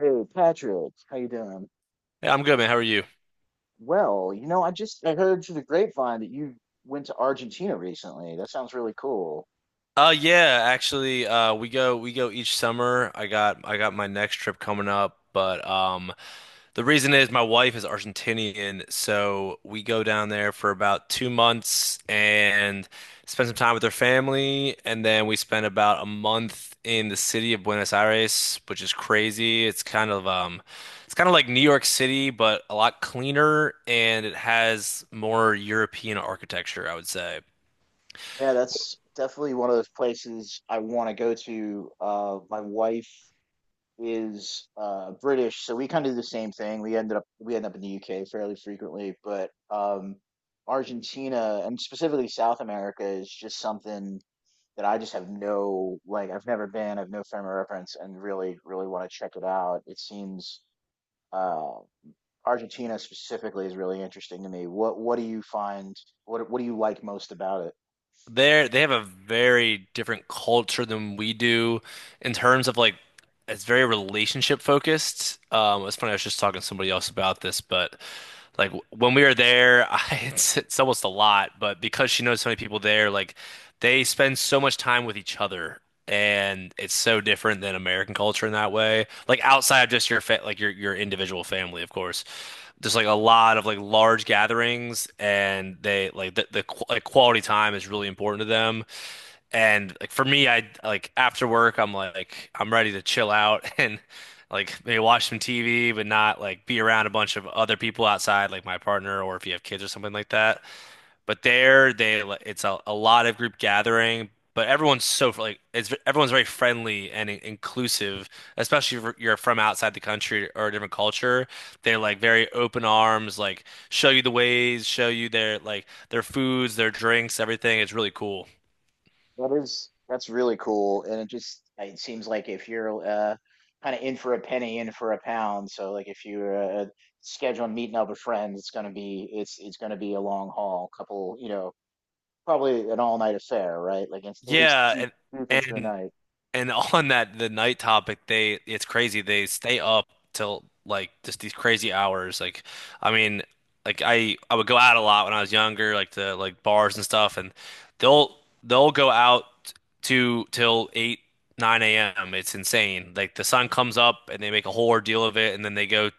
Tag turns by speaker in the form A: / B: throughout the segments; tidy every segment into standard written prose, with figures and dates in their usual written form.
A: Hey, Patrick, how you doing?
B: Hey, I'm good, man. How are you?
A: I heard through the grapevine that you went to Argentina recently. That sounds really cool.
B: Yeah, actually, we go each summer. I got my next trip coming up, but the reason is my wife is Argentinian, so we go down there for about two months and spend some time with her family, and then we spend about a month in the city of Buenos Aires, which is crazy. It's kind of like New York City, but a lot cleaner and it has more European architecture, I would say.
A: Yeah, that's definitely one of those places I want to go to. My wife is British, so we kind of do the same thing. We end up in the UK fairly frequently, but Argentina and specifically South America is just something that I just have no like I've never been, I've no frame of reference, and really want to check it out. It seems uh, Argentina specifically is really interesting to me. What do you find? What do you like most about it?
B: They have a very different culture than we do in terms of like it's very relationship focused. It's funny, I was just talking to somebody else about this, but like when we were there, it's almost a lot, but because she knows so many people there, like they spend so much time with each other, and it's so different than American culture in that way. Like outside of just your fa like your individual family, of course there's like a lot of like large gatherings and they like the qu like quality time is really important to them, and like for me I like after work I'm like I'm ready to chill out and like maybe watch some TV, but not like be around a bunch of other people outside like my partner or if you have kids or something like that. But they it's a lot of group gathering, but everyone's so like it's everyone's very friendly and inclusive, especially if you're from outside the country or a different culture. They're like very open arms, like show you the ways, show you their like their foods, their drinks, everything. It's really cool.
A: That is that's really cool, and it just it seems like if you're kind of in for a penny, in for a pound. So like if you're scheduling meeting up with friends, it's gonna be a long haul, couple you know probably an all night affair, right? Like it's at least
B: Yeah,
A: deep
B: and
A: deep into the
B: and
A: night.
B: And on that, the night topic, they it's crazy. They stay up till like just these crazy hours. Like, I mean, like I would go out a lot when I was younger, like to like bars and stuff, and they'll they'll go out to till eight, 9 a.m. It's insane. Like the sun comes up and they make a whole ordeal of it, and then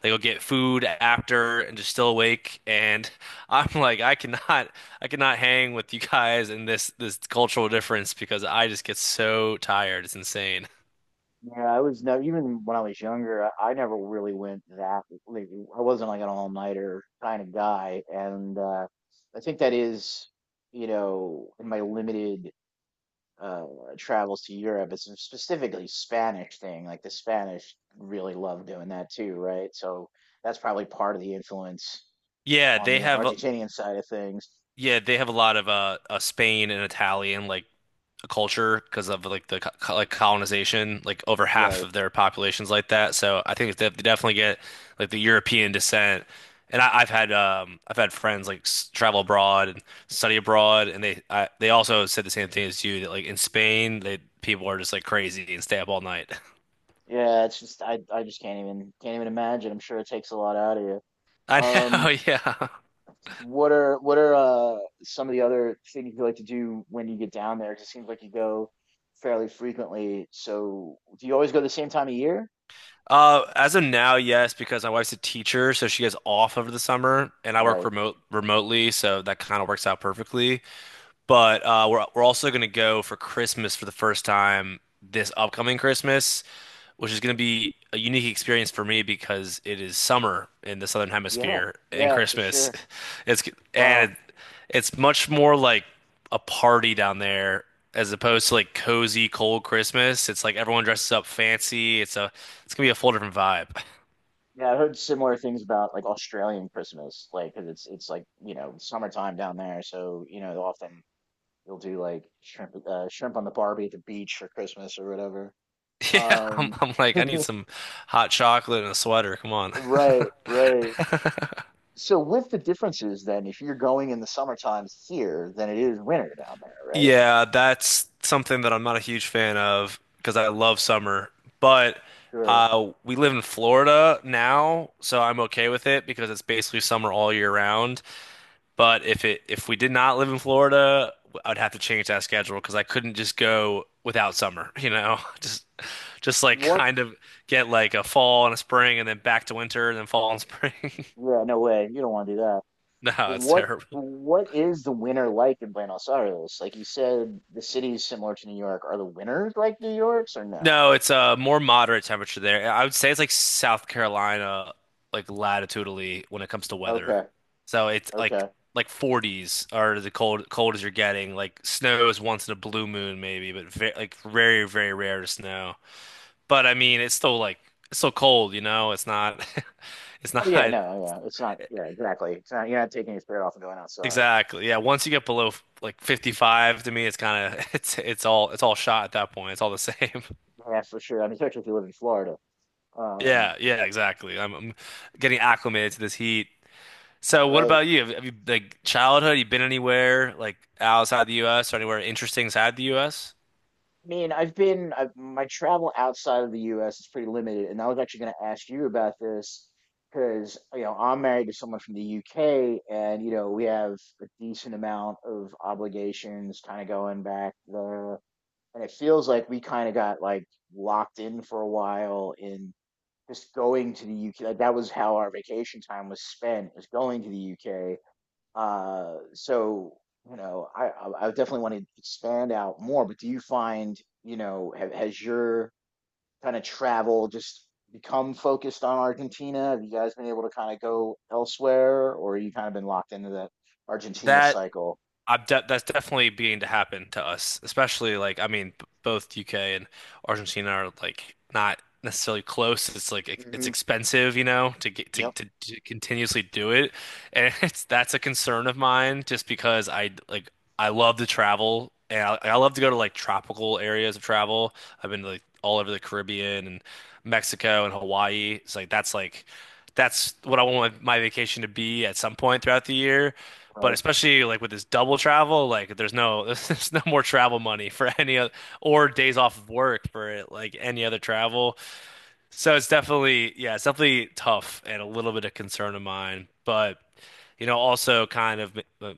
B: they go get food after and just still awake. And I'm like, I cannot. I cannot hang with you guys in this cultural difference because I just get so tired. It's insane.
A: Yeah, I was never even when I was younger, I never really went that like I wasn't like an all-nighter kind of guy. And I think that is, you know, in my limited uh travels to Europe, it's a specifically Spanish thing. Like the Spanish really love doing that too, right? So that's probably part of the influence
B: Yeah,
A: on
B: they
A: the
B: have a,
A: Argentinian side of things.
B: yeah, they have a lot of Spain and Italian like a culture because of like the like colonization, like over half
A: Right.
B: of their population's like that. So I think they definitely get like the European descent. And I've had friends like travel abroad and study abroad, and they also said the same thing as you that like in Spain they people are just like crazy and stay up all night.
A: Yeah, it's just I just can't even imagine. I'm sure it takes a lot out of you.
B: I know,
A: Um,
B: yeah.
A: what are some of the other things you like to do when you get down there? 'Cause it seems like you go fairly frequently. So do you always go the same time of year?
B: As of now, yes, because my wife's a teacher, so she is off over the summer, and I work
A: Right.
B: remotely, so that kind of works out perfectly. But we're also gonna go for Christmas for the first time this upcoming Christmas, which is gonna be a unique experience for me because it is summer in the Southern
A: Yeah.
B: Hemisphere and
A: Yeah, for
B: Christmas,
A: sure.
B: it's and
A: Wow.
B: it, it's much more like a party down there as opposed to like cozy cold Christmas. It's like everyone dresses up fancy. It's gonna be a full different vibe.
A: Yeah, I heard similar things about like Australian Christmas, like 'cause it's like, you know, summertime down there, so you know, often you'll do like shrimp on the Barbie at the beach for Christmas or whatever.
B: Yeah,
A: Um,
B: I'm like I need some hot chocolate and a sweater. Come on.
A: right, right. So with the differences then, if you're going in the summer times here, then it is winter down there, right?
B: Yeah, that's something that I'm not a huge fan of because I love summer. But
A: Sure.
B: we live in Florida now, so I'm okay with it because it's basically summer all year round. But if we did not live in Florida, I'd have to change that schedule because I couldn't just go without summer, you know? Just like
A: What?
B: kind of get like a fall and a spring and then back to winter and then fall and spring.
A: Yeah, no way. You don't want to do that.
B: No,
A: But
B: it's
A: what
B: terrible.
A: what is the winter like in Buenos Aires? Like you said, the cities similar to New York. Are the winters like New York's or no?
B: No, it's a more moderate temperature there. I would say it's like South Carolina, like latitudinally when it comes to weather.
A: Okay.
B: So it's
A: Okay.
B: like 40s are the cold as you're getting. Like snow is once in a blue moon maybe, but like very rare to snow. But I mean, it's still cold, you know? It's not it's
A: Oh yeah,
B: not
A: no, yeah. It's not yeah, exactly. It's not you're not taking your spirit off and going outside.
B: exactly. Yeah, once you get below like 55 to me, it's kind of it's all shot at that point. It's all the same.
A: Yeah, for sure. I mean, especially if you live in Florida. Um,
B: Yeah, exactly. I'm getting acclimated to this heat. So what
A: right?
B: about you? Have you like childhood? You been anywhere like outside the U.S. or anywhere interesting inside the U.S.?
A: I mean, my travel outside of the U.S. is pretty limited, and I was actually going to ask you about this because you know I'm married to someone from the U.K. and you know we have a decent amount of obligations kind of going back there, and it feels like we kind of got like locked in for a while in just going to the U.K. Like that was how our vacation time was spent, was going to the U.K. So, you know, I definitely want to expand out more, but do you find, you know, has your kind of travel just become focused on Argentina? Have you guys been able to kind of go elsewhere, or you kind of been locked into that Argentina
B: That
A: cycle?
B: I've de That's definitely beginning to happen to us, especially like I mean, both UK and Argentina are like not necessarily close. It's like it's
A: Hmm.
B: expensive, you know, to get
A: Yep.
B: to continuously do it, and it's that's a concern of mine just because I like I love to travel and I love to go to like tropical areas of travel. I've been to like all over the Caribbean and Mexico and Hawaii. It's like that's what I want my vacation to be at some point throughout the year. But
A: Right.
B: especially like with this double travel, like there's no there's no more travel money for any other or days off of work for it, like any other travel. So it's definitely yeah, it's definitely tough and a little bit of concern of mine. But you know, also kind of uh,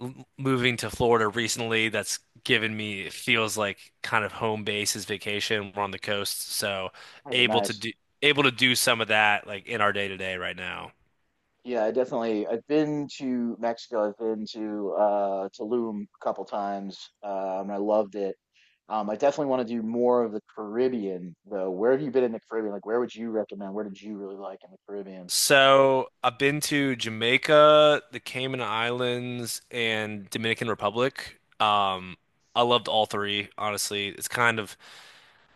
B: m- moving to Florida recently, that's given me it feels like kind of home base is vacation. We're on the coast, so
A: Oh,
B: able to
A: nice.
B: do able to do some of that like in our day to day right now.
A: Yeah, I definitely. I've been to Mexico. I've been to Tulum a couple times, and I loved it. I definitely want to do more of the Caribbean, though. Where have you been in the Caribbean? Like, where would you recommend? Where did you really like in the Caribbean?
B: So I've been to Jamaica, the Cayman Islands, and Dominican Republic. I loved all three, honestly. It's kind of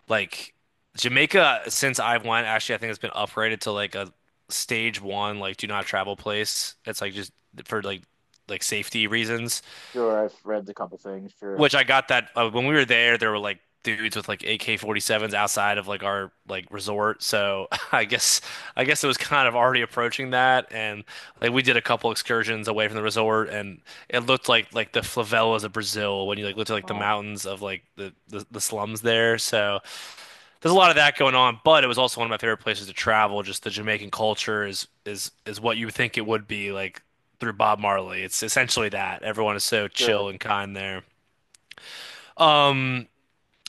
B: like Jamaica, since I went, actually, I think it's been upgraded to like a stage one, like do not travel place. It's like just for like safety reasons.
A: Sure, I've read a couple things. Sure,
B: Which I got that when we were there, there were like dudes with like AK-47s outside of like our like resort. So I guess it was kind of already approaching that, and like we did a couple excursions away from the resort, and it looked like the favelas of Brazil when you like looked at like the
A: well,
B: mountains of like the slums there. So there's a lot of that going on, but it was also one of my favorite places to travel. Just the Jamaican culture is is what you would think it would be like. Through Bob Marley. It's essentially that. Everyone is so chill
A: sure.
B: and kind there. Um,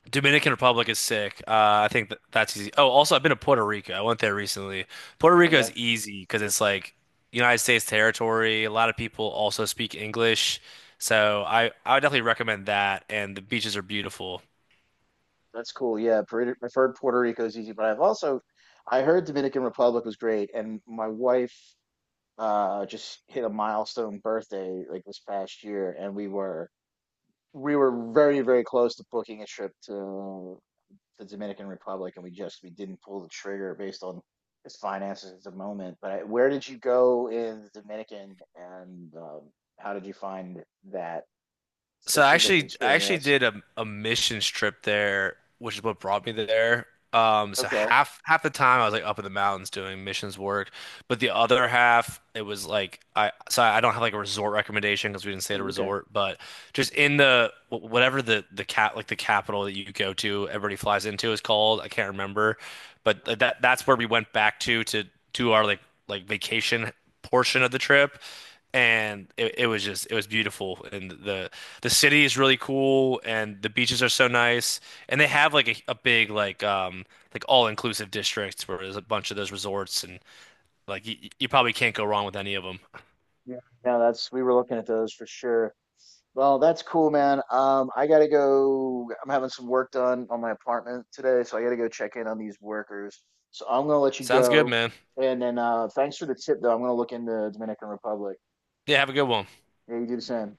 B: Dominican Republic is sick. I think that's easy. Oh, also, I've been to Puerto Rico. I went there recently. Puerto Rico is
A: Okay,
B: easy because it's like United States territory. A lot of people also speak English, so I would definitely recommend that. And the beaches are beautiful.
A: that's cool. Yeah, I've heard Puerto Rico is easy, but I've also I heard Dominican Republic was great, and my wife just hit a milestone birthday like this past year, and we were very, very close to booking a trip to the Dominican Republic, and we didn't pull the trigger based on his finances at the moment. But I, where did you go in the Dominican, and how did you find that specific
B: I actually
A: experience?
B: did a missions trip there, which is what brought me there. So
A: Okay,
B: half the time I was like up in the mountains doing missions work, but the other half it was like I so I don't have like a resort recommendation because we didn't stay at a
A: mm, okay.
B: resort, but just in the whatever the cat like the capital that you go to everybody flies into is called I can't remember, but that's where we went back to do our like vacation portion of the trip, and it was just it was beautiful and the city is really cool and the beaches are so nice and they have like a big like all-inclusive districts where there's a bunch of those resorts, and like you probably can't go wrong with any of them.
A: Yeah, no, that's we were looking at those for sure. Well, that's cool, man. I gotta go. I'm having some work done on my apartment today, so I gotta go check in on these workers. So I'm gonna let you
B: Sounds good,
A: go.
B: man.
A: And then thanks for the tip, though. I'm gonna look into Dominican Republic.
B: Yeah, have a good one.
A: Yeah, you do the same.